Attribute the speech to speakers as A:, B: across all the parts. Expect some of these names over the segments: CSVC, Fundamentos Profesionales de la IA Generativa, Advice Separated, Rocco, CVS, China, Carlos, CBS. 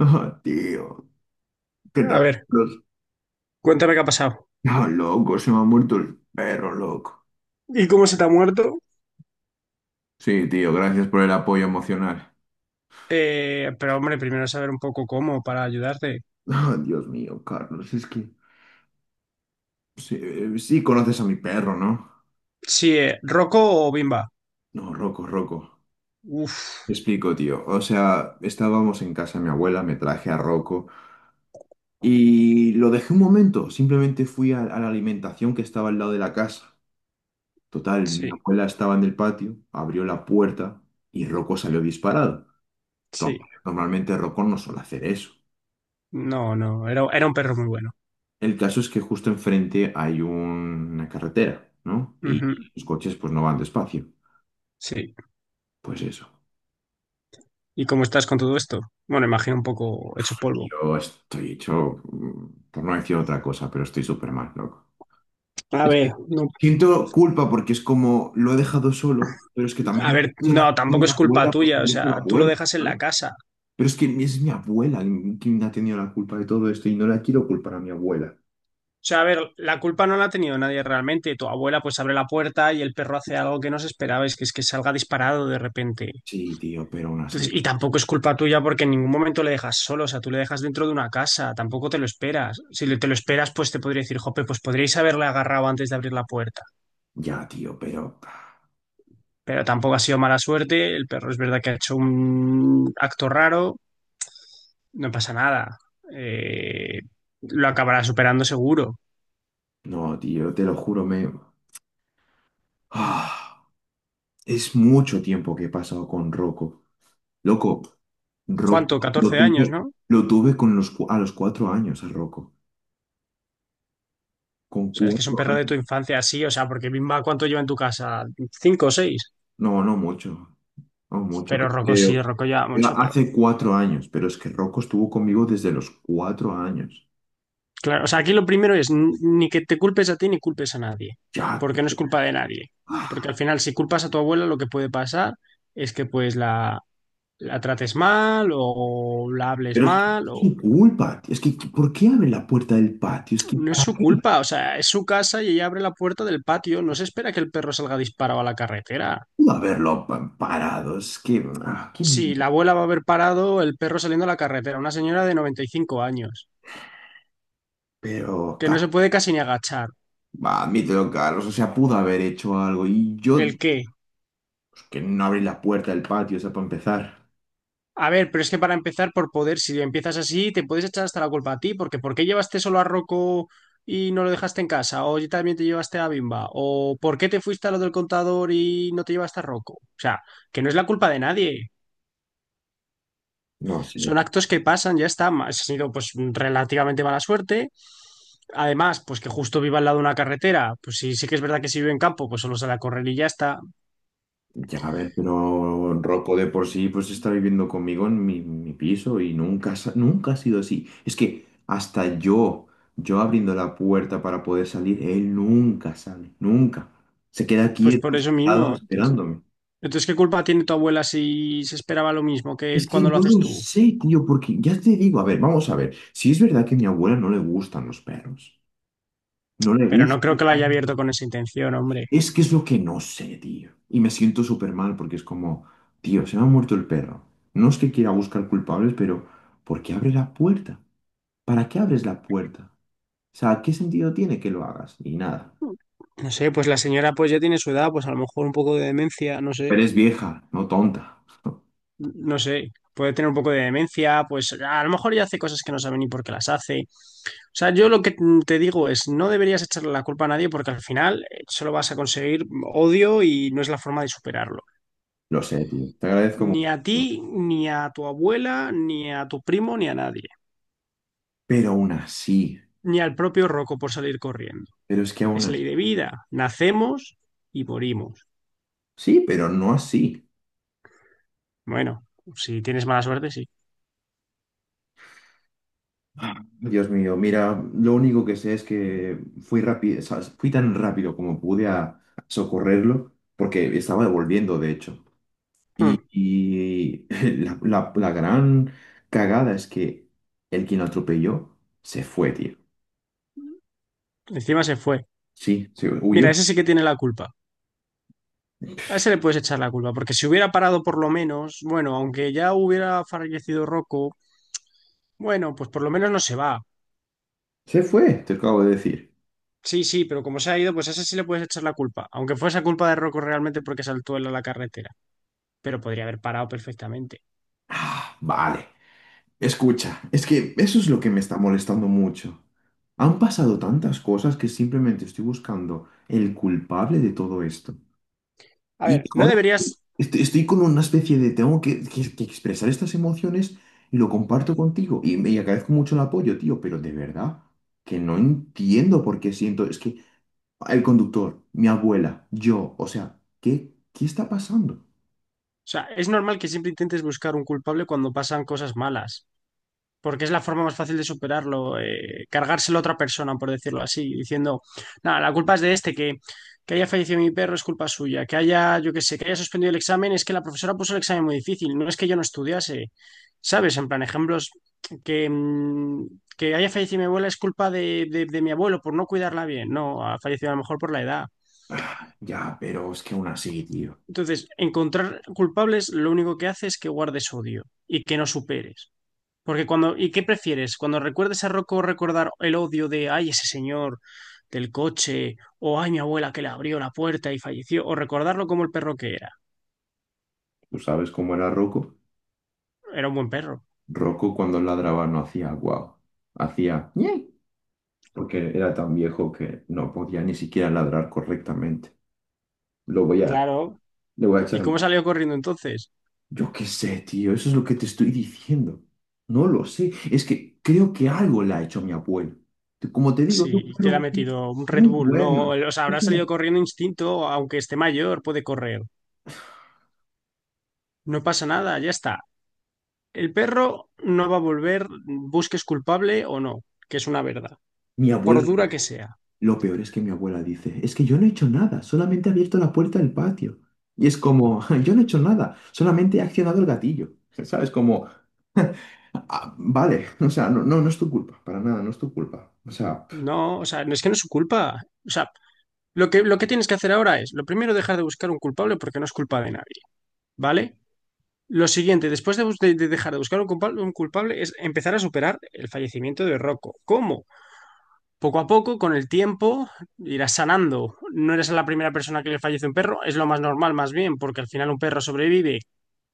A: Ah, tío, ¿qué
B: A
A: tal?
B: ver,
A: Los...
B: cuéntame qué ha pasado.
A: Ah, loco, se me ha muerto el perro, loco.
B: ¿Y cómo se te ha muerto?
A: Sí, tío, gracias por el apoyo emocional.
B: Pero hombre, primero saber un poco cómo para ayudarte.
A: Ah, Dios mío, Carlos, es que... Sí, sí conoces a mi perro, ¿no?
B: Sí, ¿Rocco o Bimba?
A: No, Rocco.
B: Uf,
A: Te explico, tío. O sea, estábamos en casa de mi abuela, me traje a Rocco y lo dejé un momento. Simplemente fui a la alimentación que estaba al lado de la casa. Total, mi
B: sí,
A: abuela estaba en el patio, abrió la puerta y Rocco salió disparado.
B: sí.
A: to- Normalmente Rocón no suele hacer eso.
B: No, no, era un perro muy bueno.
A: El caso es que justo enfrente hay una carretera, ¿no?
B: Ujú,
A: Y los coches pues no van despacio.
B: sí.
A: Pues eso.
B: ¿Y cómo estás con todo esto? Bueno, imagino un poco hecho polvo.
A: Yo estoy hecho, por no decir otra cosa, pero estoy súper mal, loco.
B: A
A: Es
B: ver,
A: que
B: no,
A: siento culpa porque es como lo he dejado solo, pero es que
B: a
A: también
B: ver,
A: es la
B: no,
A: culpa de
B: tampoco
A: mi
B: es culpa
A: abuela porque
B: tuya, o
A: me hizo
B: sea,
A: la
B: tú lo
A: puerta,
B: dejas en
A: ¿sabes?
B: la casa.
A: Pero es que es mi abuela quien ha tenido la culpa de todo esto y no la quiero culpar a mi abuela.
B: O sea, a ver, la culpa no la ha tenido nadie realmente. Tu abuela pues abre la puerta y el perro hace algo que no se esperaba, es que salga disparado de repente.
A: Sí, tío, pero aún
B: Entonces,
A: así.
B: y tampoco es culpa tuya porque en ningún momento le dejas solo, o sea, tú le dejas dentro de una casa, tampoco te lo esperas. Si le- te lo esperas, pues te podría decir, jope, pues podríais haberle agarrado antes de abrir la puerta.
A: Ya, tío, pero...
B: Pero tampoco ha sido mala suerte, el perro es verdad que ha hecho un acto raro, no pasa nada. Eh, lo acabará superando seguro.
A: No, tío, te lo juro, me... Ah, es mucho tiempo que he pasado con Rocco. Loco,
B: ¿Cuánto?
A: Rocco, lo
B: 14 años,
A: tuve,
B: ¿no?
A: lo tuve con a los cuatro años a Rocco. Con
B: O sea, es que es un
A: cuatro
B: perro de tu
A: años.
B: infancia, sí, o sea, porque Bimba, ¿cuánto lleva en tu casa? ¿Cinco o seis?
A: No, no mucho, no mucho.
B: Pero Rocco sí,
A: Creo
B: Rocco lleva mucho, pero
A: hace cuatro años, pero es que Rocco estuvo conmigo desde los cuatro años.
B: claro, o sea, aquí lo primero es n- ni que te culpes a ti ni culpes a nadie,
A: Ya,
B: porque no es
A: pe-
B: culpa de nadie. Porque
A: ah,
B: al final, si culpas a tu abuela, lo que puede pasar es que pues la trates mal o la hables
A: pero es que
B: mal,
A: es
B: o
A: su culpa, tío. Es que, ¿por qué abre la puerta del patio? Es que,
B: no es
A: ¿para
B: su
A: qué?
B: culpa, o sea, es su casa y ella abre la puerta del patio, no se espera que el perro salga disparado a la carretera.
A: Parado. Es que, ah, qué-
B: Si la abuela va a haber parado el perro saliendo a la carretera, una señora de 95 años,
A: Pero,
B: que no se puede casi ni agachar.
A: va, admítelo, Carlos. O sea, pudo haber hecho algo. Y yo,
B: ¿El qué?
A: pues, que no abrí la puerta del patio, o sea, para empezar.
B: A ver, pero es que para empezar, por poder, si empiezas así, te puedes echar hasta la culpa a ti, porque ¿por qué llevaste solo a Rocco y no lo dejaste en casa? ¿O también te llevaste a Bimba? ¿O por qué te fuiste a lo del contador y no te llevaste a Rocco? O sea, que no es la culpa de nadie.
A: No sé,
B: Son actos que pasan, ya está. Ha sido pues relativamente mala suerte. Además, pues que justo viva al lado de una carretera, pues sí, sí que es verdad que si vive en campo, pues solo sale a correr y ya está.
A: ya a ver, pero Rocco de por sí, pues está viviendo conmigo en mi piso y nunca ha sido así. Es que hasta yo abriendo la puerta para poder salir, él nunca sale, nunca. Se queda
B: Pues por
A: quieto,
B: eso
A: sentado,
B: mismo.
A: esperándome.
B: Entonces, ¿qué culpa tiene tu abuela si se esperaba lo mismo que
A: Es que
B: cuando lo
A: no
B: haces
A: lo
B: tú?
A: sé, tío, porque ya te digo, a ver, vamos a ver. Si es verdad que a mi abuela no le gustan los perros. No le
B: Pero no creo
A: gustan.
B: que lo haya abierto con esa intención, hombre.
A: Es que es lo que no sé, tío. Y me siento súper mal porque es como, tío, se me ha muerto el perro. No es que quiera buscar culpables, pero ¿por qué abres la puerta? ¿Para qué abres la puerta? O sea, ¿qué sentido tiene que lo hagas? Ni nada.
B: No sé, pues la señora pues ya tiene su edad, pues a lo mejor un poco de demencia, no sé,
A: Pero es vieja, no tonta.
B: no sé. Puede tener un poco de demencia, pues a lo mejor ya hace cosas que no sabe ni por qué las hace. O sea, yo lo que te digo es, no deberías echarle la culpa a nadie porque al final solo vas a conseguir odio y no es la forma de superarlo.
A: Lo sé, tío. Te agradezco
B: Ni
A: mucho.
B: a ti, ni a tu abuela, ni a tu primo, ni a nadie.
A: Pero aún así.
B: Ni al propio Rocco por salir corriendo.
A: Pero es que aún
B: Es ley
A: así.
B: de vida. Nacemos y morimos.
A: Sí, pero no así.
B: Bueno, si tienes mala suerte, sí.
A: Dios mío, mira, lo único que sé es que fui rápido, fui tan rápido como pude a socorrerlo, porque estaba devolviendo, de hecho.
B: Hmm.
A: Y la gran cagada es que el quien lo atropelló se fue, tío.
B: Encima se fue.
A: Sí, se
B: Mira,
A: huyó.
B: ese sí que tiene la culpa. A ese le puedes echar la culpa, porque si hubiera parado por lo menos, bueno, aunque ya hubiera fallecido Rocco, bueno, pues por lo menos no se va.
A: Se fue, te acabo de decir.
B: Sí, sí, pero como se ha ido, pues a ese sí le puedes echar la culpa, aunque fuese culpa de Rocco realmente porque saltó él a la carretera, pero podría haber parado perfectamente.
A: Ah, vale. Escucha, es que eso es lo que me está molestando mucho. Han pasado tantas cosas que simplemente estoy buscando el culpable de todo esto.
B: A
A: Y
B: ver, no
A: ahora
B: deberías, o
A: estoy con una especie de, tengo que expresar estas emociones y lo comparto contigo. Y me y agradezco mucho el apoyo, tío, pero de verdad que no entiendo por qué siento, es que el conductor, mi abuela, yo, o sea, qué está pasando?
B: sea, es normal que siempre intentes buscar un culpable cuando pasan cosas malas. Porque es la forma más fácil de superarlo, cargárselo a otra persona, por decirlo así, diciendo, nada, la culpa es de este, que haya fallecido mi perro es culpa suya, que haya, yo qué sé, que haya suspendido el examen, es que la profesora puso el examen muy difícil, no es que yo no estudiase, ¿sabes? En plan, ejemplos, que, que haya fallecido mi abuela es culpa de, de mi abuelo por no cuidarla bien, no, ha fallecido a lo mejor por la edad.
A: Ah, ya, pero es que aún así, tío.
B: Entonces, encontrar culpables lo único que hace es que guardes odio y que no superes. Porque cuando, ¿y qué prefieres? Cuando recuerdes a Rocco recordar el odio de, ay, ese señor del coche, o ay, mi abuela que le abrió la puerta y falleció, o recordarlo como el perro que era.
A: ¿Tú sabes cómo era Rocco?
B: Era un buen perro.
A: Rocco cuando ladraba no hacía guau, hacía ñe, porque era tan viejo que no podía ni siquiera ladrar correctamente. Lo voy a,
B: Claro,
A: le voy a
B: ¿y
A: echar.
B: cómo salió corriendo entonces?
A: Yo qué sé, tío, eso es lo que te estoy diciendo. No lo sé, es que creo que algo le ha hecho a mi abuelo. Como te digo, no
B: Sí, te la ha
A: fueron
B: metido un Red
A: muy
B: Bull, ¿no?
A: buenos.
B: O sea,
A: O
B: habrá
A: sea,
B: salido corriendo instinto, aunque esté mayor, puede correr. No pasa nada, ya está. El perro no va a volver, busques culpable o no, que es una verdad,
A: mi
B: por
A: abuela,
B: dura que sea.
A: lo peor es que mi abuela dice, es que yo no he hecho nada, solamente he abierto la puerta del patio. Y es como, yo no he hecho nada, solamente he accionado el gatillo. ¿Sabes? Como, "Ah, vale, o sea, no es tu culpa, para nada, no es tu culpa. O sea,
B: No, o sea, no es que no es su culpa. O sea, lo que, lo que tienes que hacer ahora es, lo primero, dejar de buscar un culpable porque no es culpa de nadie, ¿vale? Lo siguiente, después de, bus- de dejar de buscar un culpable, es empezar a superar el fallecimiento de Rocco. ¿Cómo? Poco a poco, con el tiempo, irás sanando. No eres la primera persona que le fallece un perro, es lo más normal, más bien, porque al final un perro sobrevive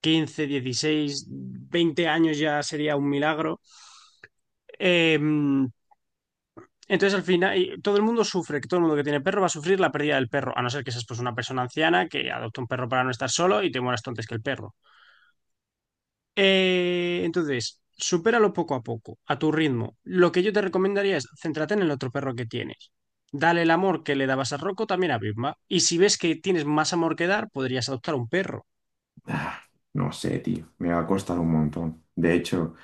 B: 15, 16, 20 años ya sería un milagro. Eh, Entonces, al final, y todo el mundo sufre, que todo el mundo que tiene perro va a sufrir la pérdida del perro, a no ser que seas pues una persona anciana que adopta un perro para no estar solo y te mueras tú antes que el perro. Entonces, supéralo poco a poco, a tu ritmo. Lo que yo te recomendaría es céntrate en el otro perro que tienes. Dale el amor que le dabas a Rocco también a Vilma. Y si ves que tienes más amor que dar, podrías adoptar un perro.
A: ah, no sé, tío, me va a costar un montón. De hecho...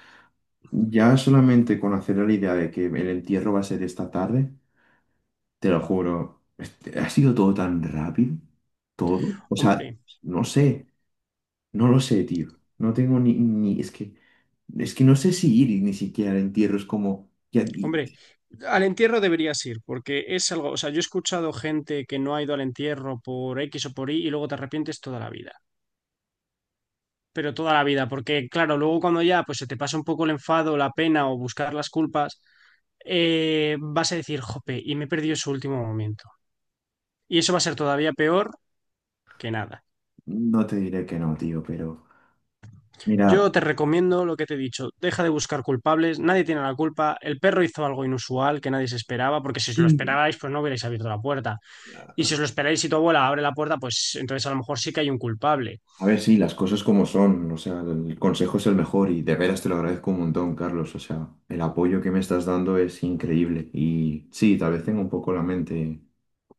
A: Ya solamente con hacer la idea de que el entierro va a ser esta tarde, te lo juro, este, ha sido todo tan rápido, todo. O sea,
B: Hombre,
A: no sé, no lo sé, tío. No tengo es que no sé si ir y ni siquiera al entierro es como,
B: hombre, al entierro deberías ir, porque es algo, o sea, yo he escuchado gente que no ha ido al entierro por X o por Y y luego te arrepientes toda la vida. Pero toda la vida, porque claro, luego cuando ya pues se te pasa un poco el enfado, la pena o buscar las culpas, vas a decir, jope, y me he perdido ese último momento. Y eso va a ser todavía peor que nada.
A: no te diré que no, tío, pero mira,
B: Yo te recomiendo lo que te he dicho, deja de buscar culpables, nadie tiene la culpa, el perro hizo algo inusual que nadie se esperaba, porque si os lo
A: sí,
B: esperabais, pues no hubierais abierto la puerta. Y si os lo esperáis y tu abuela abre la puerta, pues entonces a lo mejor sí que hay un culpable.
A: a ver, sí, las cosas como son, o sea, el consejo es el mejor y de veras te lo agradezco un montón, Carlos, o sea, el apoyo que me estás dando es increíble y sí, tal vez tengo un poco la mente.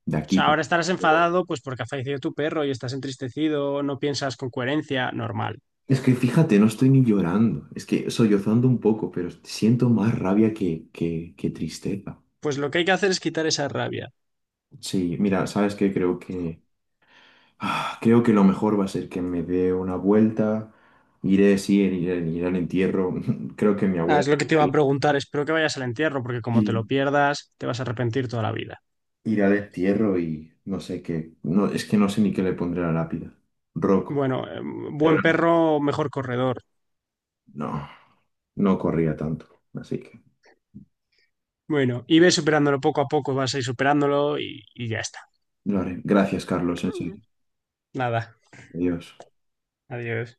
A: De
B: O
A: aquí
B: sea,
A: para
B: ahora estarás
A: pero-
B: enfadado, pues porque ha fallecido tu perro y estás entristecido, no piensas con coherencia, normal.
A: Es que fíjate, no estoy ni llorando. Es que sollozando un poco, pero siento más rabia que tristeza.
B: Pues lo que hay que hacer es quitar esa rabia.
A: Sí, mira, ¿sabes qué? Creo que, ah, creo que lo mejor va a ser que me dé una vuelta. Iré, sí, iré al entierro. Creo que mi
B: Ah,
A: abuela...
B: es lo que
A: estuvo
B: te iba a
A: ahí.
B: preguntar. Espero que vayas al entierro, porque como te lo
A: Sí,
B: pierdas, te vas a arrepentir toda la vida.
A: iré al entierro y no sé qué. No, es que no sé ni qué le pondré a la lápida. Rocco.
B: Bueno, buen perro, mejor corredor.
A: No, no corría tanto. Así que
B: Bueno, y ves superándolo poco a poco, vas a ir superándolo y ya está.
A: lo haré. Gracias, Carlos. En serio.
B: Nada,
A: Adiós.
B: adiós.